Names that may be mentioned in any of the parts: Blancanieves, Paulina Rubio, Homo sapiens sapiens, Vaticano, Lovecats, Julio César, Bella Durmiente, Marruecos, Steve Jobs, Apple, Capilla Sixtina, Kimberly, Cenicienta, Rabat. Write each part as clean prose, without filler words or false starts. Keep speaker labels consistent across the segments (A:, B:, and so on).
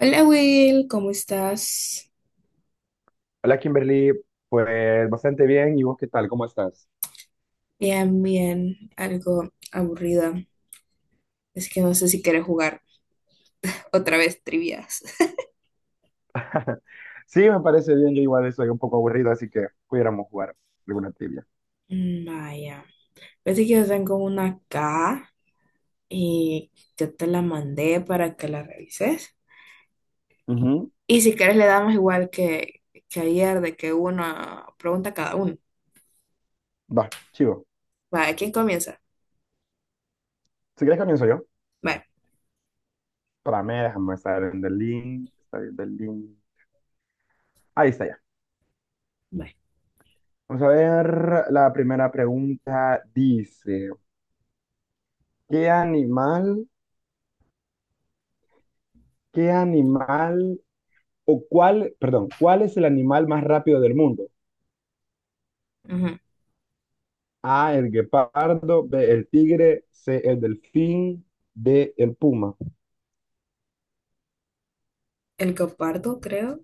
A: Hola Will, ¿cómo estás?
B: Hola Kimberly, pues bastante bien. ¿Y vos qué tal? ¿Cómo estás?
A: Bien, bien, algo aburrida. Es que no sé si quieres jugar otra vez trivias.
B: Sí, me parece bien. Yo igual soy un poco aburrido, así que pudiéramos jugar alguna trivia.
A: Vaya, parece que yo tengo una acá y yo te la mandé para que la revises.
B: Ujú.
A: Y si quieres le damos igual que ayer, de que una pregunta cada uno.
B: Va, chivo.
A: Vaya, ¿quién comienza?
B: Si querés, comienzo yo.
A: Vale,
B: Para mí, déjame estar en el link. Está bien, el link. Ahí está ya.
A: vale.
B: Vamos a ver la primera pregunta. Dice, ¿qué animal, qué animal, o cuál, perdón, cuál es el animal más rápido del mundo?
A: Ujú.
B: A, el guepardo; B, el tigre; C, el delfín; D, el puma.
A: El copardo, creo.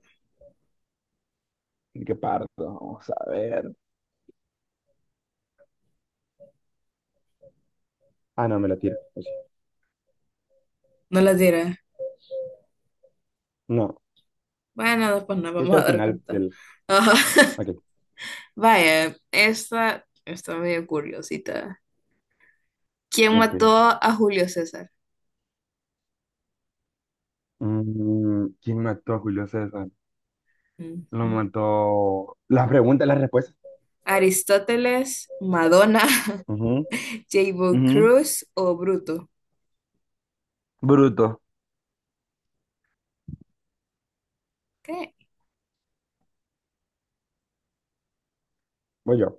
B: Qué parto, vamos a ver. Ah, no, me la tiro. O sí.
A: No las diré.
B: No,
A: Bueno, después nos
B: creo
A: vamos
B: que
A: a
B: al
A: dar
B: final
A: cuenta.
B: del. Ok,
A: Vaya, esta está medio curiosita. ¿Quién
B: ok.
A: mató a Julio César?
B: ¿Quién mató a Julio César? Lo
A: Ujú.
B: mató. Las preguntas, las respuestas.
A: ¿Aristóteles, Madonna,
B: Ujú,
A: J.B.
B: ujú.
A: Cruz o Bruto?
B: Bruto.
A: ¿Qué?
B: Voy yo.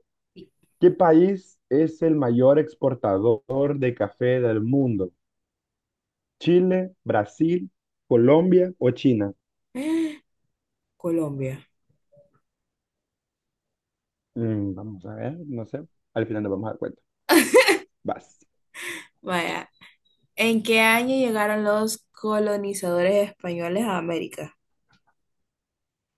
B: ¿Qué país es el mayor exportador de café del mundo? ¿Chile, Brasil, Colombia o China?
A: Colombia.
B: Vamos a ver, no sé. Al final nos vamos a dar cuenta. Vas.
A: Vaya, ¿en qué año llegaron los colonizadores españoles a América?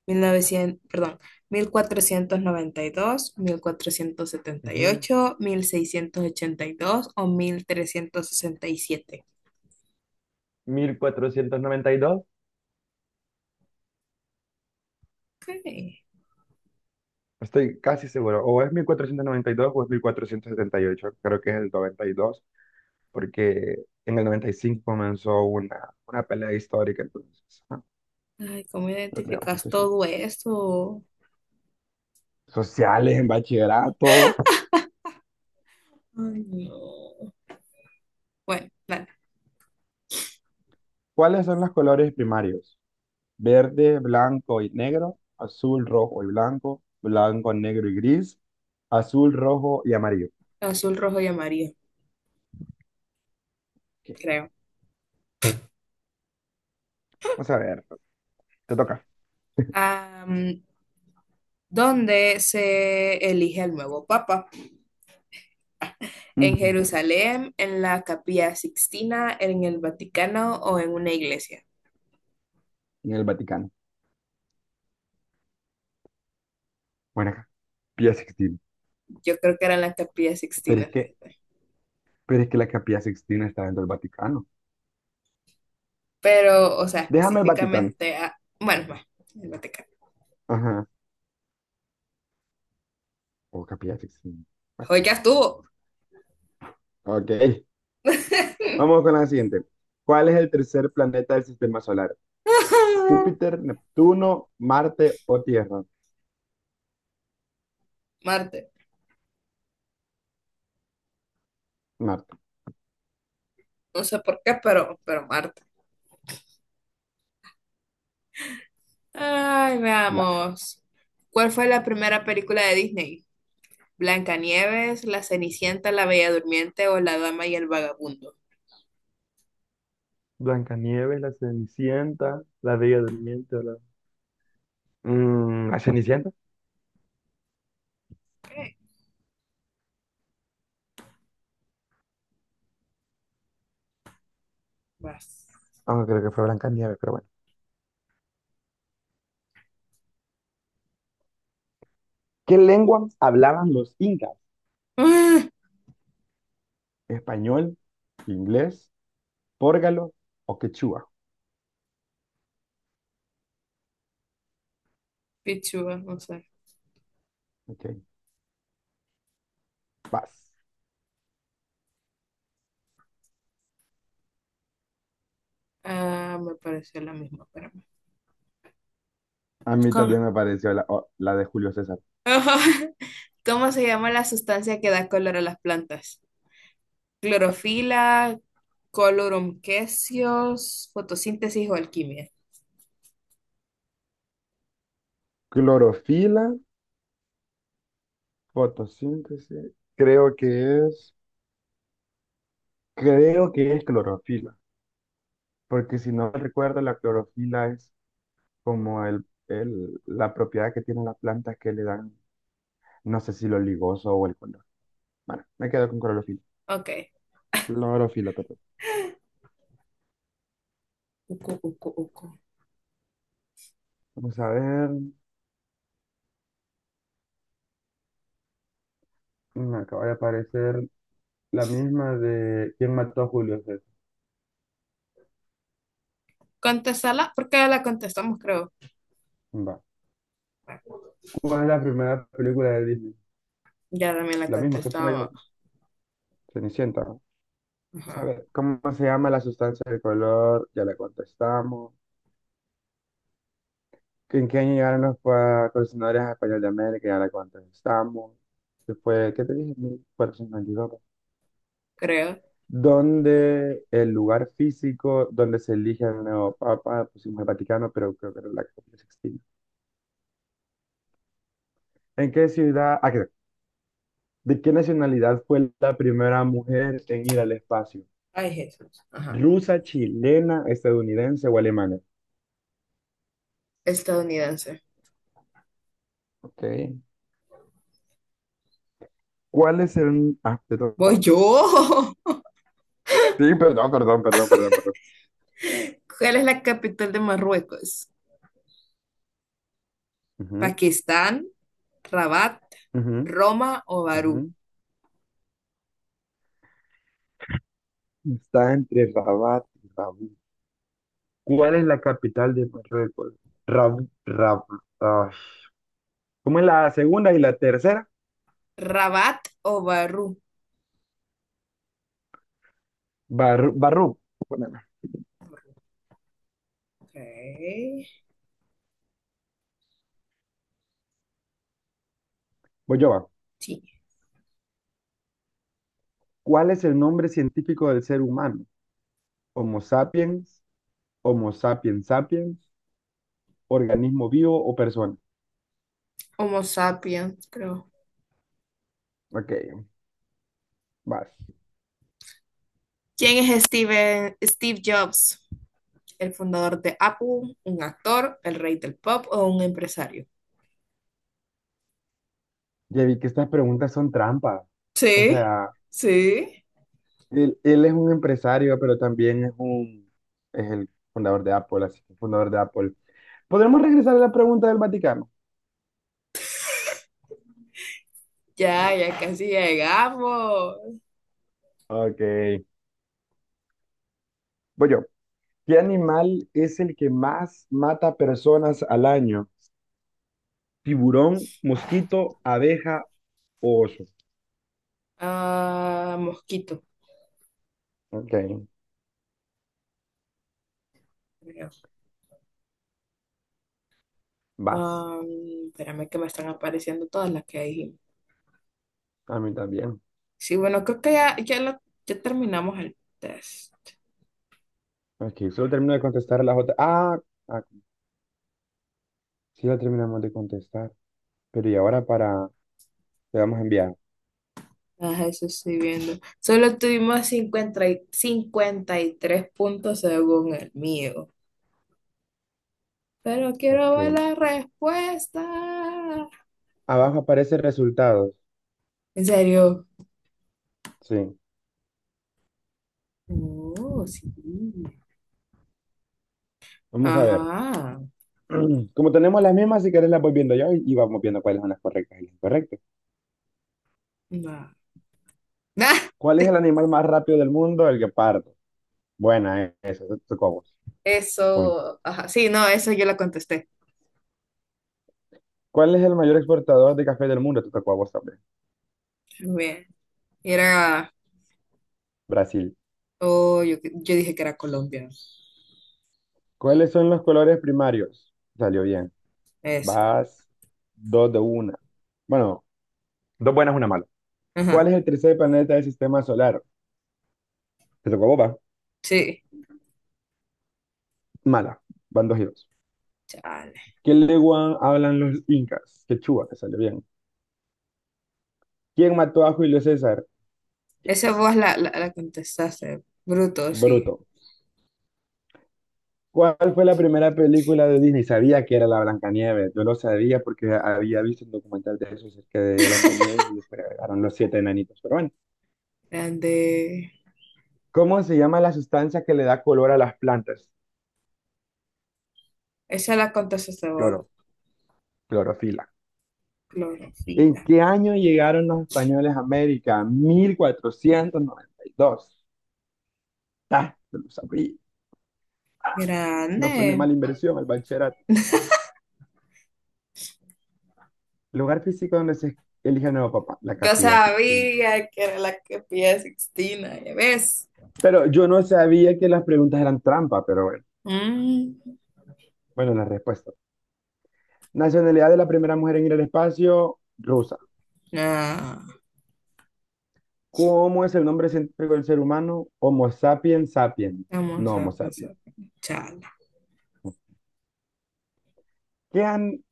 A: 1900, perdón, mil cuatrocientos noventa y dos, mil cuatrocientos setenta y
B: Ujú.
A: ocho, 1682 o 1367.
B: 1492.
A: Ok.
B: Estoy casi seguro, o es 1492 o es 1478. Creo que es el 92, porque en el 95 comenzó una pelea histórica, entonces,
A: Ay, ¿cómo
B: lo creo, no
A: identificas
B: estoy seguro.
A: todo eso?
B: Sociales en bachillerato.
A: Ay, no. Bueno, dale.
B: ¿Cuáles son los colores primarios? Verde, blanco y negro; azul, rojo y blanco; blanco, negro y gris; azul, rojo y amarillo.
A: Azul, rojo y amarillo,
B: Ok.
A: creo.
B: Vamos a ver, te toca.
A: Am, ¿Dónde se elige al nuevo papa? ¿En
B: Ujú.
A: Jerusalén, en la Capilla Sixtina, en el Vaticano o en una iglesia?
B: En el Vaticano. Bueno, acá, Pía Sixtina.
A: Yo creo que era en la Capilla
B: Pero es
A: Sixtina,
B: que
A: fíjate.
B: Pero es que la Capilla Sixtina está dentro del Vaticano.
A: Pero, o sea,
B: Déjame el Vaticano.
A: específicamente a... Bueno, va, el Vaticano.
B: Ajá. O Capilla Sixtina. Bueno,
A: Hoy ya estuvo.
B: ok. Vamos con la siguiente. ¿Cuál es el tercer planeta del sistema solar? ¿Júpiter, Neptuno, Marte o Tierra?
A: Marte.
B: Marte.
A: No sé por qué, pero, Marte. Ay,
B: Vale.
A: veamos. ¿Cuál fue la primera película de Disney? ¿Blancanieves, La Cenicienta, La Bella Durmiente o La Dama y el Vagabundo?
B: Blancanieves, la Cenicienta, la Bella Durmiente, o la... ¿la Cenicienta?
A: Vas.
B: Ah, creo que fue Blancanieves, pero bueno. ¿Qué lengua hablaban los incas?
A: Ah,
B: ¿Español, inglés, pórgalo o quechua?
A: Pichúa, no sé.
B: Ok. Vas.
A: Ah, me pareció la misma, espérame.
B: A mí
A: ¿Cómo?
B: también me pareció la, la de Julio César.
A: ¿Cómo se llama la sustancia que da color a las plantas? ¿Clorofila, colorum quesios, fotosíntesis o alquimia?
B: Clorofila, fotosíntesis, es, creo que es clorofila, porque si no recuerdo, la clorofila es como la propiedad que tienen las plantas que le dan, no sé si lo ligoso o el color. Bueno, me quedo con clorofila.
A: Ok.
B: Clorofila, perdón.
A: Ucu, ucu, ucu.
B: Vamos a ver, me acaba de aparecer la misma de ¿quién mató a Julio César?
A: Contestarla porque ya la contestamos, creo.
B: Va. ¿Cuál es la primera película de Disney?
A: Ya también la
B: La misma que pongo
A: contestaba.
B: yo, Cenicienta, ¿no?
A: Ajá.
B: ¿Sabe cómo se llama la sustancia del color? Ya le contestamos. ¿En qué año llegaron los colonizadores españoles de América? Ya le contestamos. Después, ¿qué te dije? 1492.
A: Creo.
B: ¿Dónde el lugar físico donde se elige al nuevo papa? Pusimos el Vaticano, pero creo que era la Capilla Sixtina. ¿En qué ciudad? Ah, creo. ¿De qué nacionalidad fue la primera mujer en ir al espacio?
A: Ay, Jesús. Ajá.
B: ¿Rusa, chilena, estadounidense o alemana?
A: Estadounidense.
B: Ok. ¿Cuál es el...? Ah, te
A: Voy
B: toca.
A: yo.
B: Sí, perdón.
A: ¿Cuál es la capital de Marruecos?
B: Ujú,
A: Pakistán, Rabat,
B: ujú,
A: Roma o Barú.
B: ujú. Está entre Rabat y Rabat. ¿Cuál es la capital de Marruecos? Rab, Rab- ah, ¿Cómo es la segunda y la tercera?
A: Rabat o Barú.
B: Bar, Barrub. Bueno,
A: Ok.
B: voy yo. Va.
A: Sí.
B: ¿Cuál es el nombre científico del ser humano? ¿Homo sapiens? ¿Homo sapiens sapiens? ¿Organismo vivo o persona?
A: Homo sapiens, creo.
B: Ok, vas.
A: ¿Quién es Steven, Steve Jobs? ¿El fundador de Apple, un actor, el rey del pop o un empresario?
B: Ya vi que estas preguntas son trampas. O
A: Sí,
B: sea,
A: sí.
B: él es un empresario, pero también es el fundador de Apple, así que fundador de Apple. ¿Podremos regresar a la pregunta del Vaticano?
A: Ya, ya casi llegamos.
B: Ok. Voy yo. ¿Qué animal es el que más mata personas al año? ¿Tiburón, mosquito, abeja o oso?
A: Ah, mosquito,
B: Ok,
A: creo.
B: vas.
A: Ah, espérame que me están apareciendo todas las que dijimos.
B: A mí también.
A: Sí, bueno, creo que ya, ya, ya terminamos el test.
B: Ok, solo termino de contestar las otras. Ah, sí la terminamos de contestar. Pero y ahora le damos a enviar.
A: Ah, eso estoy viendo. Solo tuvimos 53 puntos según el mío. Pero quiero
B: Ok.
A: ver la respuesta.
B: Abajo aparece resultados.
A: ¿En serio?
B: Sí.
A: Oh, sí.
B: Vamos a ver.
A: Ajá.
B: Como tenemos las mismas, si querés las voy viendo yo y vamos viendo cuáles son las correctas y las incorrectas.
A: No. Ah,
B: ¿Cuál es el animal más rápido del mundo? El guepardo. Buena, eso, te tocó a vos. O a mí.
A: eso. Ajá. Sí, no, eso yo la contesté.
B: ¿Cuál es el mayor exportador de café del mundo? Te tocó a vos también.
A: Bien. Era.
B: Brasil.
A: Oh, yo dije que era colombiano.
B: ¿Cuáles son los colores primarios? Salió bien.
A: Eso.
B: Vas dos de una. Bueno, dos buenas, una mala. ¿Cuál
A: Ajá.
B: es el tercer planeta del sistema solar? Te tocó a vos, va.
A: Sí,
B: Mala. Van dos y dos.
A: chale.
B: ¿Qué lengua hablan los incas? Quechua, te salió bien. ¿Quién mató a Julio César?
A: Esa voz
B: Yes.
A: la contestaste. Bruto, sí.
B: Bruto. ¿Cuál fue la primera película de Disney? Sabía que era la Blancanieves. Yo lo sabía porque había visto un documental de eso acerca de Blancanieves y después agregaron los siete enanitos. Pero bueno,
A: Grande.
B: ¿cómo se llama la sustancia que le da color a las plantas?
A: Esa la contestaste
B: Cloro,
A: vos.
B: clorofila. ¿En
A: Clorofila.
B: qué año llegaron los españoles a América? 1492. Ah, yo lo sabía. No fue una
A: Grande.
B: mala inversión el bachillerato. Lugar físico donde se elige a nuevo papá, la
A: Yo
B: Capilla Sixtina.
A: sabía que era la que pide Sixtina, ¿ya ves?
B: Pero yo no sabía que las preguntas eran trampa, pero bueno.
A: Mm.
B: Bueno, la respuesta. Nacionalidad de la primera mujer en ir al espacio, rusa.
A: Ah,
B: ¿Cómo es el nombre científico del ser humano? Homo sapiens sapiens.
A: vamos
B: No
A: a
B: Homo sapiens.
A: pensar. Chala.
B: ¿Qué an-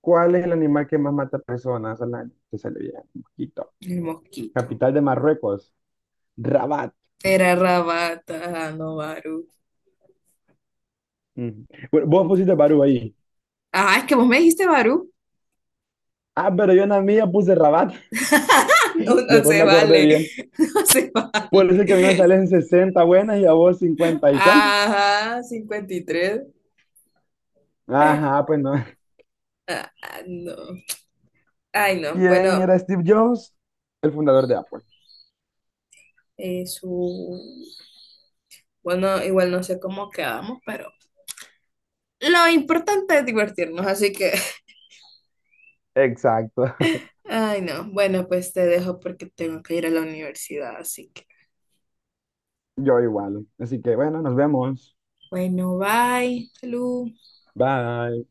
B: ¿Cuál es el animal que más mata personas al año? Te sale bien, mosquito.
A: El mosquito.
B: Capital de Marruecos, Rabat.
A: Era Rabata, no Barú.
B: Ujú. Bueno, vos pusiste Barú ahí.
A: Ah, es que vos me dijiste Barú.
B: Ah, pero yo en la mía puse Rabat.
A: No, no
B: Después
A: se
B: me acordé
A: vale.
B: bien.
A: No se
B: Por eso es que a mí me
A: vale.
B: salen 60 buenas y a vos 50. ¿Y cuántas?
A: Ajá, 53.
B: Ajá, pues no.
A: Ah, no. Ay, no.
B: ¿Quién
A: Bueno,
B: era Steve Jobs? El fundador de Apple.
A: su... Bueno, igual no sé cómo quedamos, pero lo importante es divertirnos, así que...
B: Exacto,
A: Ay, no. Bueno, pues te dejo porque tengo que ir a la universidad, así que...
B: yo igual. Así que bueno, nos vemos.
A: Bueno, bye. Salud.
B: Bye.